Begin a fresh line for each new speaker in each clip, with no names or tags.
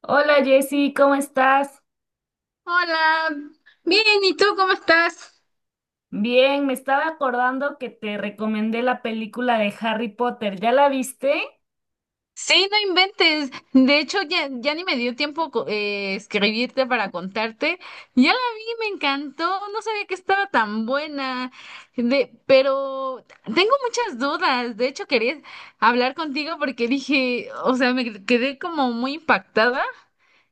Hola Jessy, ¿cómo estás?
Hola, bien, ¿y tú cómo estás?
Bien, me estaba acordando que te recomendé la película de Harry Potter. ¿Ya la viste?
Sí, no inventes. De hecho, ya ni me dio tiempo escribirte para contarte. Ya la vi, me encantó. No sabía que estaba tan buena. De, pero tengo muchas dudas. De hecho, quería hablar contigo porque dije, o sea, me quedé como muy impactada.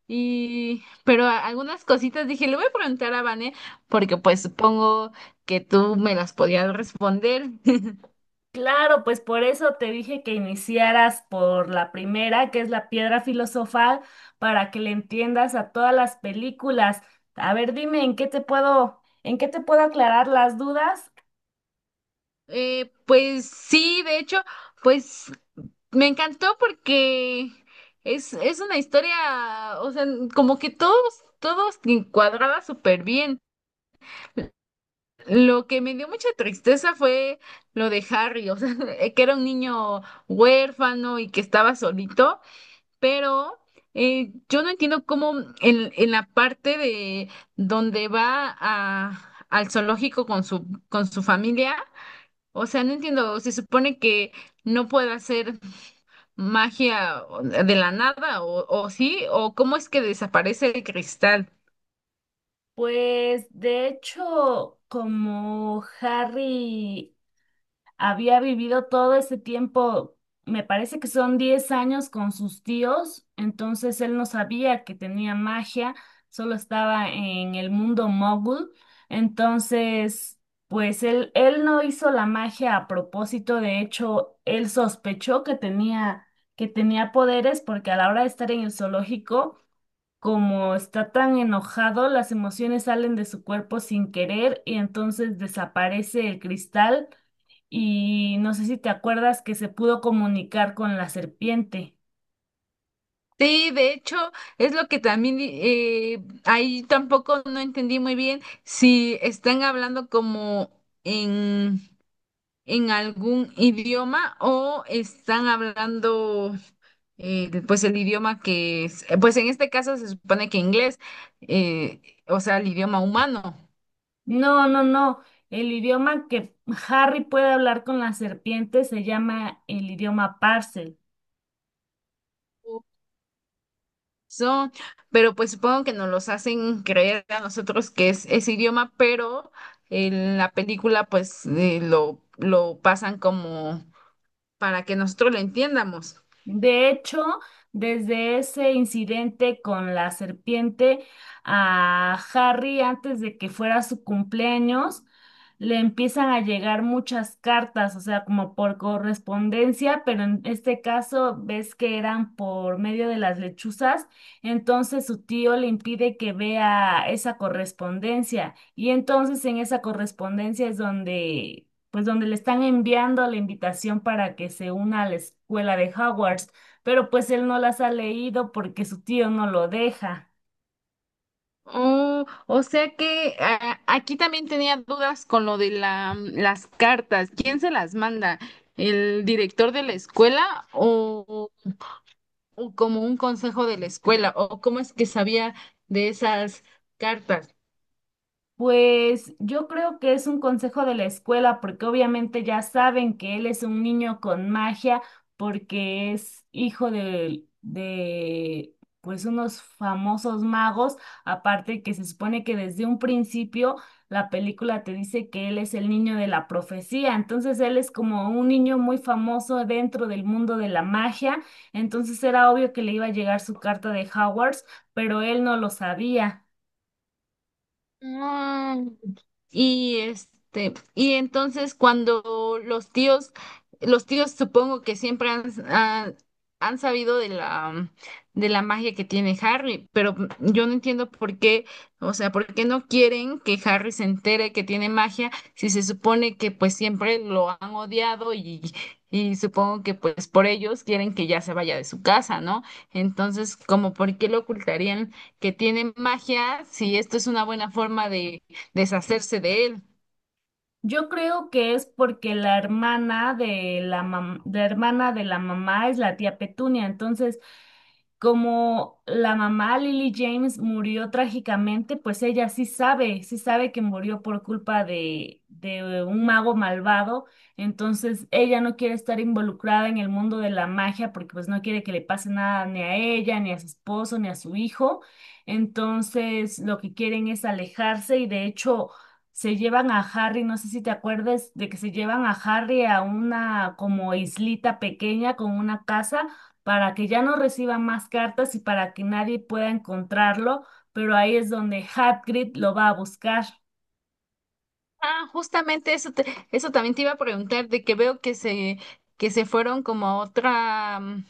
Y, pero algunas cositas dije, le voy a preguntar a Vane porque pues supongo que tú me las podías responder.
Claro, pues por eso te dije que iniciaras por la primera, que es la piedra filosofal, para que le entiendas a todas las películas. A ver, dime, ¿en qué te puedo aclarar las dudas?
Pues sí, de hecho, pues me encantó porque es una historia, o sea, como que todos encuadraba súper bien. Lo que me dio mucha tristeza fue lo de Harry, o sea, que era un niño huérfano y que estaba solito, pero yo no entiendo cómo en la parte de donde va a, al zoológico con su familia. O sea, no entiendo, se supone que no puede hacer magia de la nada, o sí, o cómo es que desaparece el cristal.
Pues de hecho, como Harry había vivido todo ese tiempo, me parece que son 10 años con sus tíos, entonces él no sabía que tenía magia, solo estaba en el mundo mogul. Entonces pues él no hizo la magia a propósito. De hecho él sospechó que tenía poderes porque a la hora de estar en el zoológico, como está tan enojado, las emociones salen de su cuerpo sin querer y entonces desaparece el cristal. Y no sé si te acuerdas que se pudo comunicar con la serpiente.
Sí, de hecho, es lo que también ahí tampoco no entendí muy bien si están hablando como en, en algún idioma o están hablando pues el idioma que es, pues en este caso se supone que inglés, eh, o sea, el idioma humano.
No, no, no. El idioma que Harry puede hablar con la serpiente se llama el idioma Parcel.
Son, pero pues supongo que nos los hacen creer a nosotros que es ese idioma, pero en la película pues lo pasan como para que nosotros lo entiendamos.
De hecho, desde ese incidente con la serpiente, a Harry, antes de que fuera su cumpleaños, le empiezan a llegar muchas cartas, o sea, como por correspondencia, pero en este caso ves que eran por medio de las lechuzas. Entonces su tío le impide que vea esa correspondencia, y entonces en esa correspondencia es donde, pues, donde le están enviando la invitación para que se una a la escuela de Hogwarts, pero pues él no las ha leído porque su tío no lo deja.
Oh, o sea que ah, aquí también tenía dudas con lo de la, las cartas. ¿Quién se las manda? ¿El director de la escuela o como un consejo de la escuela? ¿O cómo es que sabía de esas cartas?
Pues yo creo que es un consejo de la escuela, porque obviamente ya saben que él es un niño con magia, porque es hijo de, pues, unos famosos magos. Aparte, que se supone que desde un principio la película te dice que él es el niño de la profecía, entonces él es como un niño muy famoso dentro del mundo de la magia. Entonces era obvio que le iba a llegar su carta de Hogwarts, pero él no lo sabía.
Y este, y entonces cuando los tíos supongo que siempre han, han sabido de la magia que tiene Harry, pero yo no entiendo por qué, o sea, por qué no quieren que Harry se entere que tiene magia si se supone que pues siempre lo han odiado y supongo que pues por ellos quieren que ya se vaya de su casa, ¿no? Entonces, como por qué lo ocultarían que tiene magia si esto es una buena forma de deshacerse de él.
Yo creo que es porque la hermana de la hermana de la mamá es la tía Petunia. Entonces, como la mamá Lily James murió trágicamente, pues ella sí sabe que murió por culpa de un mago malvado. Entonces ella no quiere estar involucrada en el mundo de la magia, porque pues no quiere que le pase nada ni a ella, ni a su esposo, ni a su hijo. Entonces lo que quieren es alejarse, y de hecho se llevan a Harry. No sé si te acuerdas de que se llevan a Harry a una como islita pequeña con una casa, para que ya no reciba más cartas y para que nadie pueda encontrarlo, pero ahí es donde Hagrid lo va a buscar.
Ah, justamente eso, eso también te iba a preguntar, de que veo que se fueron como a otra,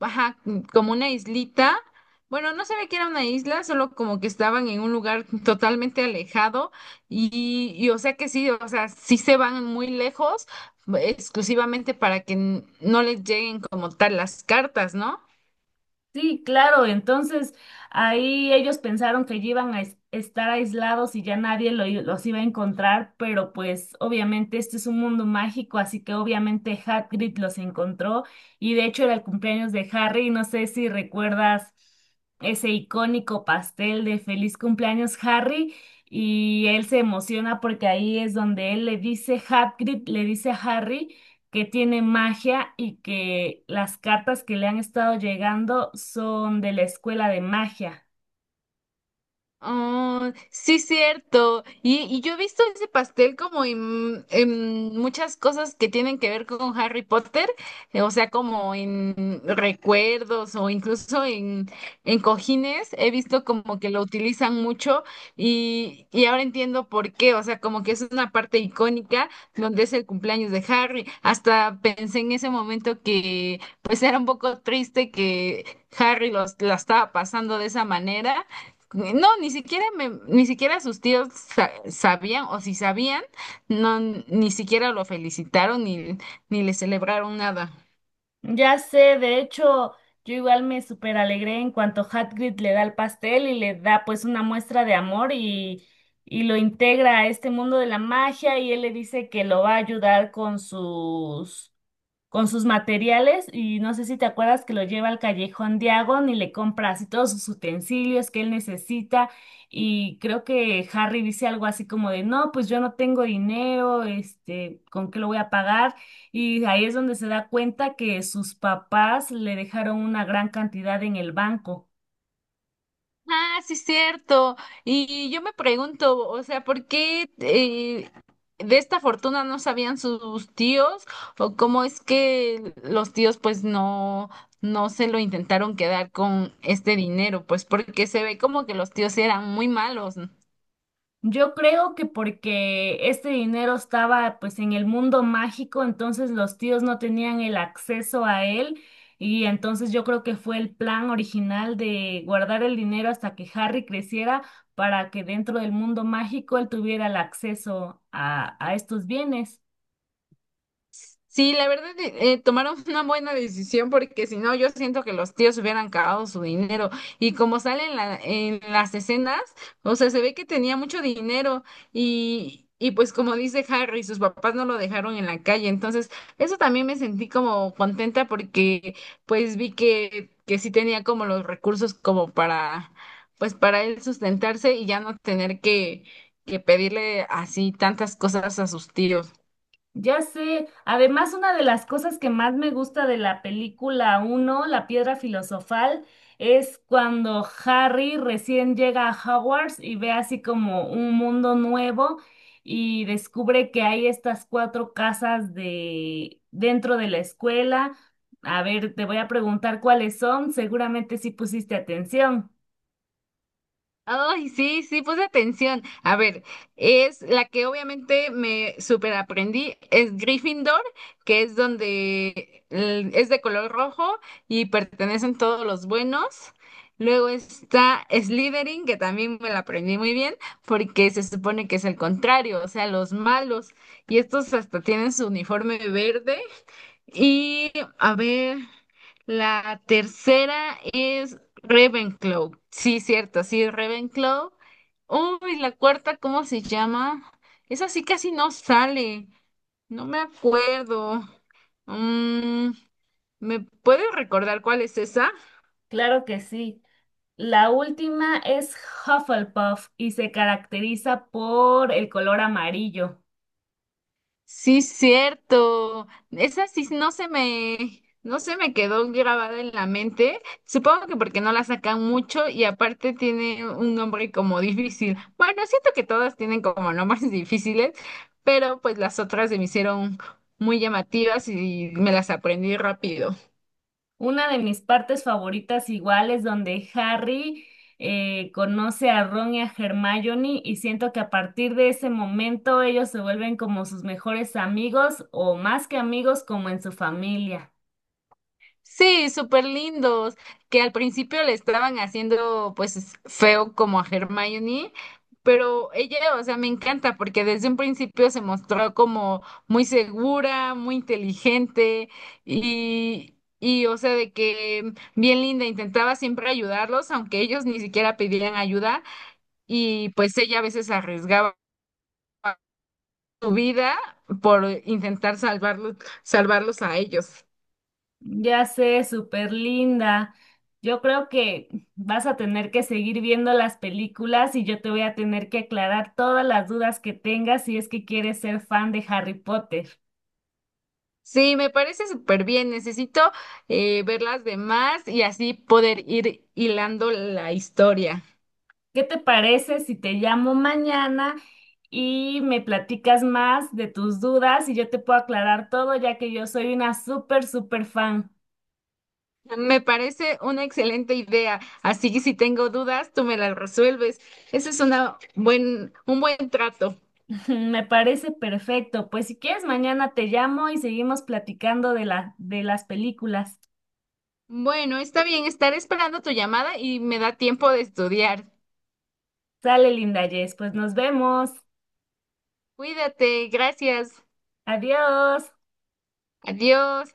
ajá, como una islita. Bueno, no sabía que era una isla, solo como que estaban en un lugar totalmente alejado y, o sea que sí, o sea, sí se van muy lejos, exclusivamente para que no les lleguen como tal las cartas, ¿no?
Sí, claro, entonces ahí ellos pensaron que ya iban a estar aislados y ya nadie los iba a encontrar, pero pues obviamente este es un mundo mágico, así que obviamente Hagrid los encontró. Y de hecho era el cumpleaños de Harry, no sé si recuerdas ese icónico pastel de feliz cumpleaños Harry, y él se emociona porque ahí es donde él le dice, Hagrid le dice a Harry que tiene magia y que las cartas que le han estado llegando son de la escuela de magia.
Oh, sí, cierto. Y yo he visto ese pastel como en muchas cosas que tienen que ver con Harry Potter, o sea, como en recuerdos o incluso en cojines. He visto como que lo utilizan mucho y ahora entiendo por qué, o sea, como que es una parte icónica donde es el cumpleaños de Harry. Hasta pensé en ese momento que pues era un poco triste que Harry los, la estaba pasando de esa manera no, ni siquiera ni siquiera sus tíos sabían, o si sabían, no, ni siquiera lo felicitaron ni, ni le celebraron nada.
Ya sé, de hecho, yo igual me súper alegré en cuanto Hagrid le da el pastel y le da pues una muestra de amor, y lo integra a este mundo de la magia, y él le dice que lo va a ayudar con sus materiales. Y no sé si te acuerdas que lo lleva al Callejón de Agón y le compra así todos sus utensilios que él necesita. Y creo que Harry dice algo así como de no, pues yo no tengo dinero, este, ¿con qué lo voy a pagar? Y ahí es donde se da cuenta que sus papás le dejaron una gran cantidad en el banco.
Ah, sí, cierto. Y yo me pregunto, o sea, ¿por qué de esta fortuna no sabían sus tíos? ¿O cómo es que los tíos pues no, no se lo intentaron quedar con este dinero? Pues porque se ve como que los tíos eran muy malos.
Yo creo que porque este dinero estaba pues en el mundo mágico, entonces los tíos no tenían el acceso a él. Y entonces yo creo que fue el plan original de guardar el dinero hasta que Harry creciera, para que dentro del mundo mágico él tuviera el acceso a estos bienes.
Sí, la verdad, tomaron una buena decisión porque si no, yo siento que los tíos hubieran cagado su dinero. Y como sale en en las escenas, o sea, se ve que tenía mucho dinero y pues como dice Harry, sus papás no lo dejaron en la calle. Entonces, eso también me sentí como contenta porque pues vi que sí tenía como los recursos como para, pues para él sustentarse y ya no tener que pedirle así tantas cosas a sus tíos.
Ya sé, además una de las cosas que más me gusta de la película uno, La Piedra Filosofal, es cuando Harry recién llega a Hogwarts y ve así como un mundo nuevo, y descubre que hay estas cuatro casas de dentro de la escuela. A ver, te voy a preguntar cuáles son, seguramente sí pusiste atención.
Ay, sí, puse atención. A ver, es la que obviamente me superaprendí es Gryffindor, que es donde es de color rojo y pertenecen todos los buenos. Luego está Slytherin, que también me la aprendí muy bien, porque se supone que es el contrario, o sea, los malos. Y estos hasta tienen su uniforme verde y a ver, la tercera es Ravenclaw. Sí, cierto, sí, Ravenclaw. Uy, la cuarta, ¿cómo se llama? Esa sí casi no sale. No me acuerdo. Mm, ¿me puedes recordar cuál es esa?
Claro que sí. La última es Hufflepuff, y se caracteriza por el color amarillo.
Sí, cierto. Esa sí no se me quedó grabada en la mente. Supongo que porque no la sacan mucho y aparte tiene un nombre como difícil. Bueno, siento que todas tienen como nombres difíciles, pero pues las otras se me hicieron muy llamativas y me las aprendí rápido.
Una de mis partes favoritas igual es donde Harry conoce a Ron y a Hermione, y siento que a partir de ese momento ellos se vuelven como sus mejores amigos, o más que amigos, como en su familia.
Sí, súper lindos, que al principio le estaban haciendo pues feo como a Hermione, pero ella, o sea, me encanta porque desde un principio se mostró como muy segura, muy inteligente y o sea, de que bien linda, intentaba siempre ayudarlos, aunque ellos ni siquiera pedían ayuda y pues ella a veces arriesgaba su vida por intentar salvarlos a ellos.
Ya sé, súper linda. Yo creo que vas a tener que seguir viendo las películas y yo te voy a tener que aclarar todas las dudas que tengas, si es que quieres ser fan de Harry Potter.
Sí, me parece súper bien. Necesito ver las demás y así poder ir hilando la historia.
¿Qué te parece si te llamo mañana y me platicas más de tus dudas y yo te puedo aclarar todo, ya que yo soy una súper, súper fan?
Me parece una excelente idea. Así que si tengo dudas, tú me las resuelves. Ese es una buen, un buen trato.
Me parece perfecto. Pues si quieres, mañana te llamo y seguimos platicando de las películas.
Bueno, está bien. Estaré esperando tu llamada y me da tiempo de estudiar.
Sale, linda Jess. Pues nos vemos.
Cuídate. Gracias.
Adiós.
Adiós.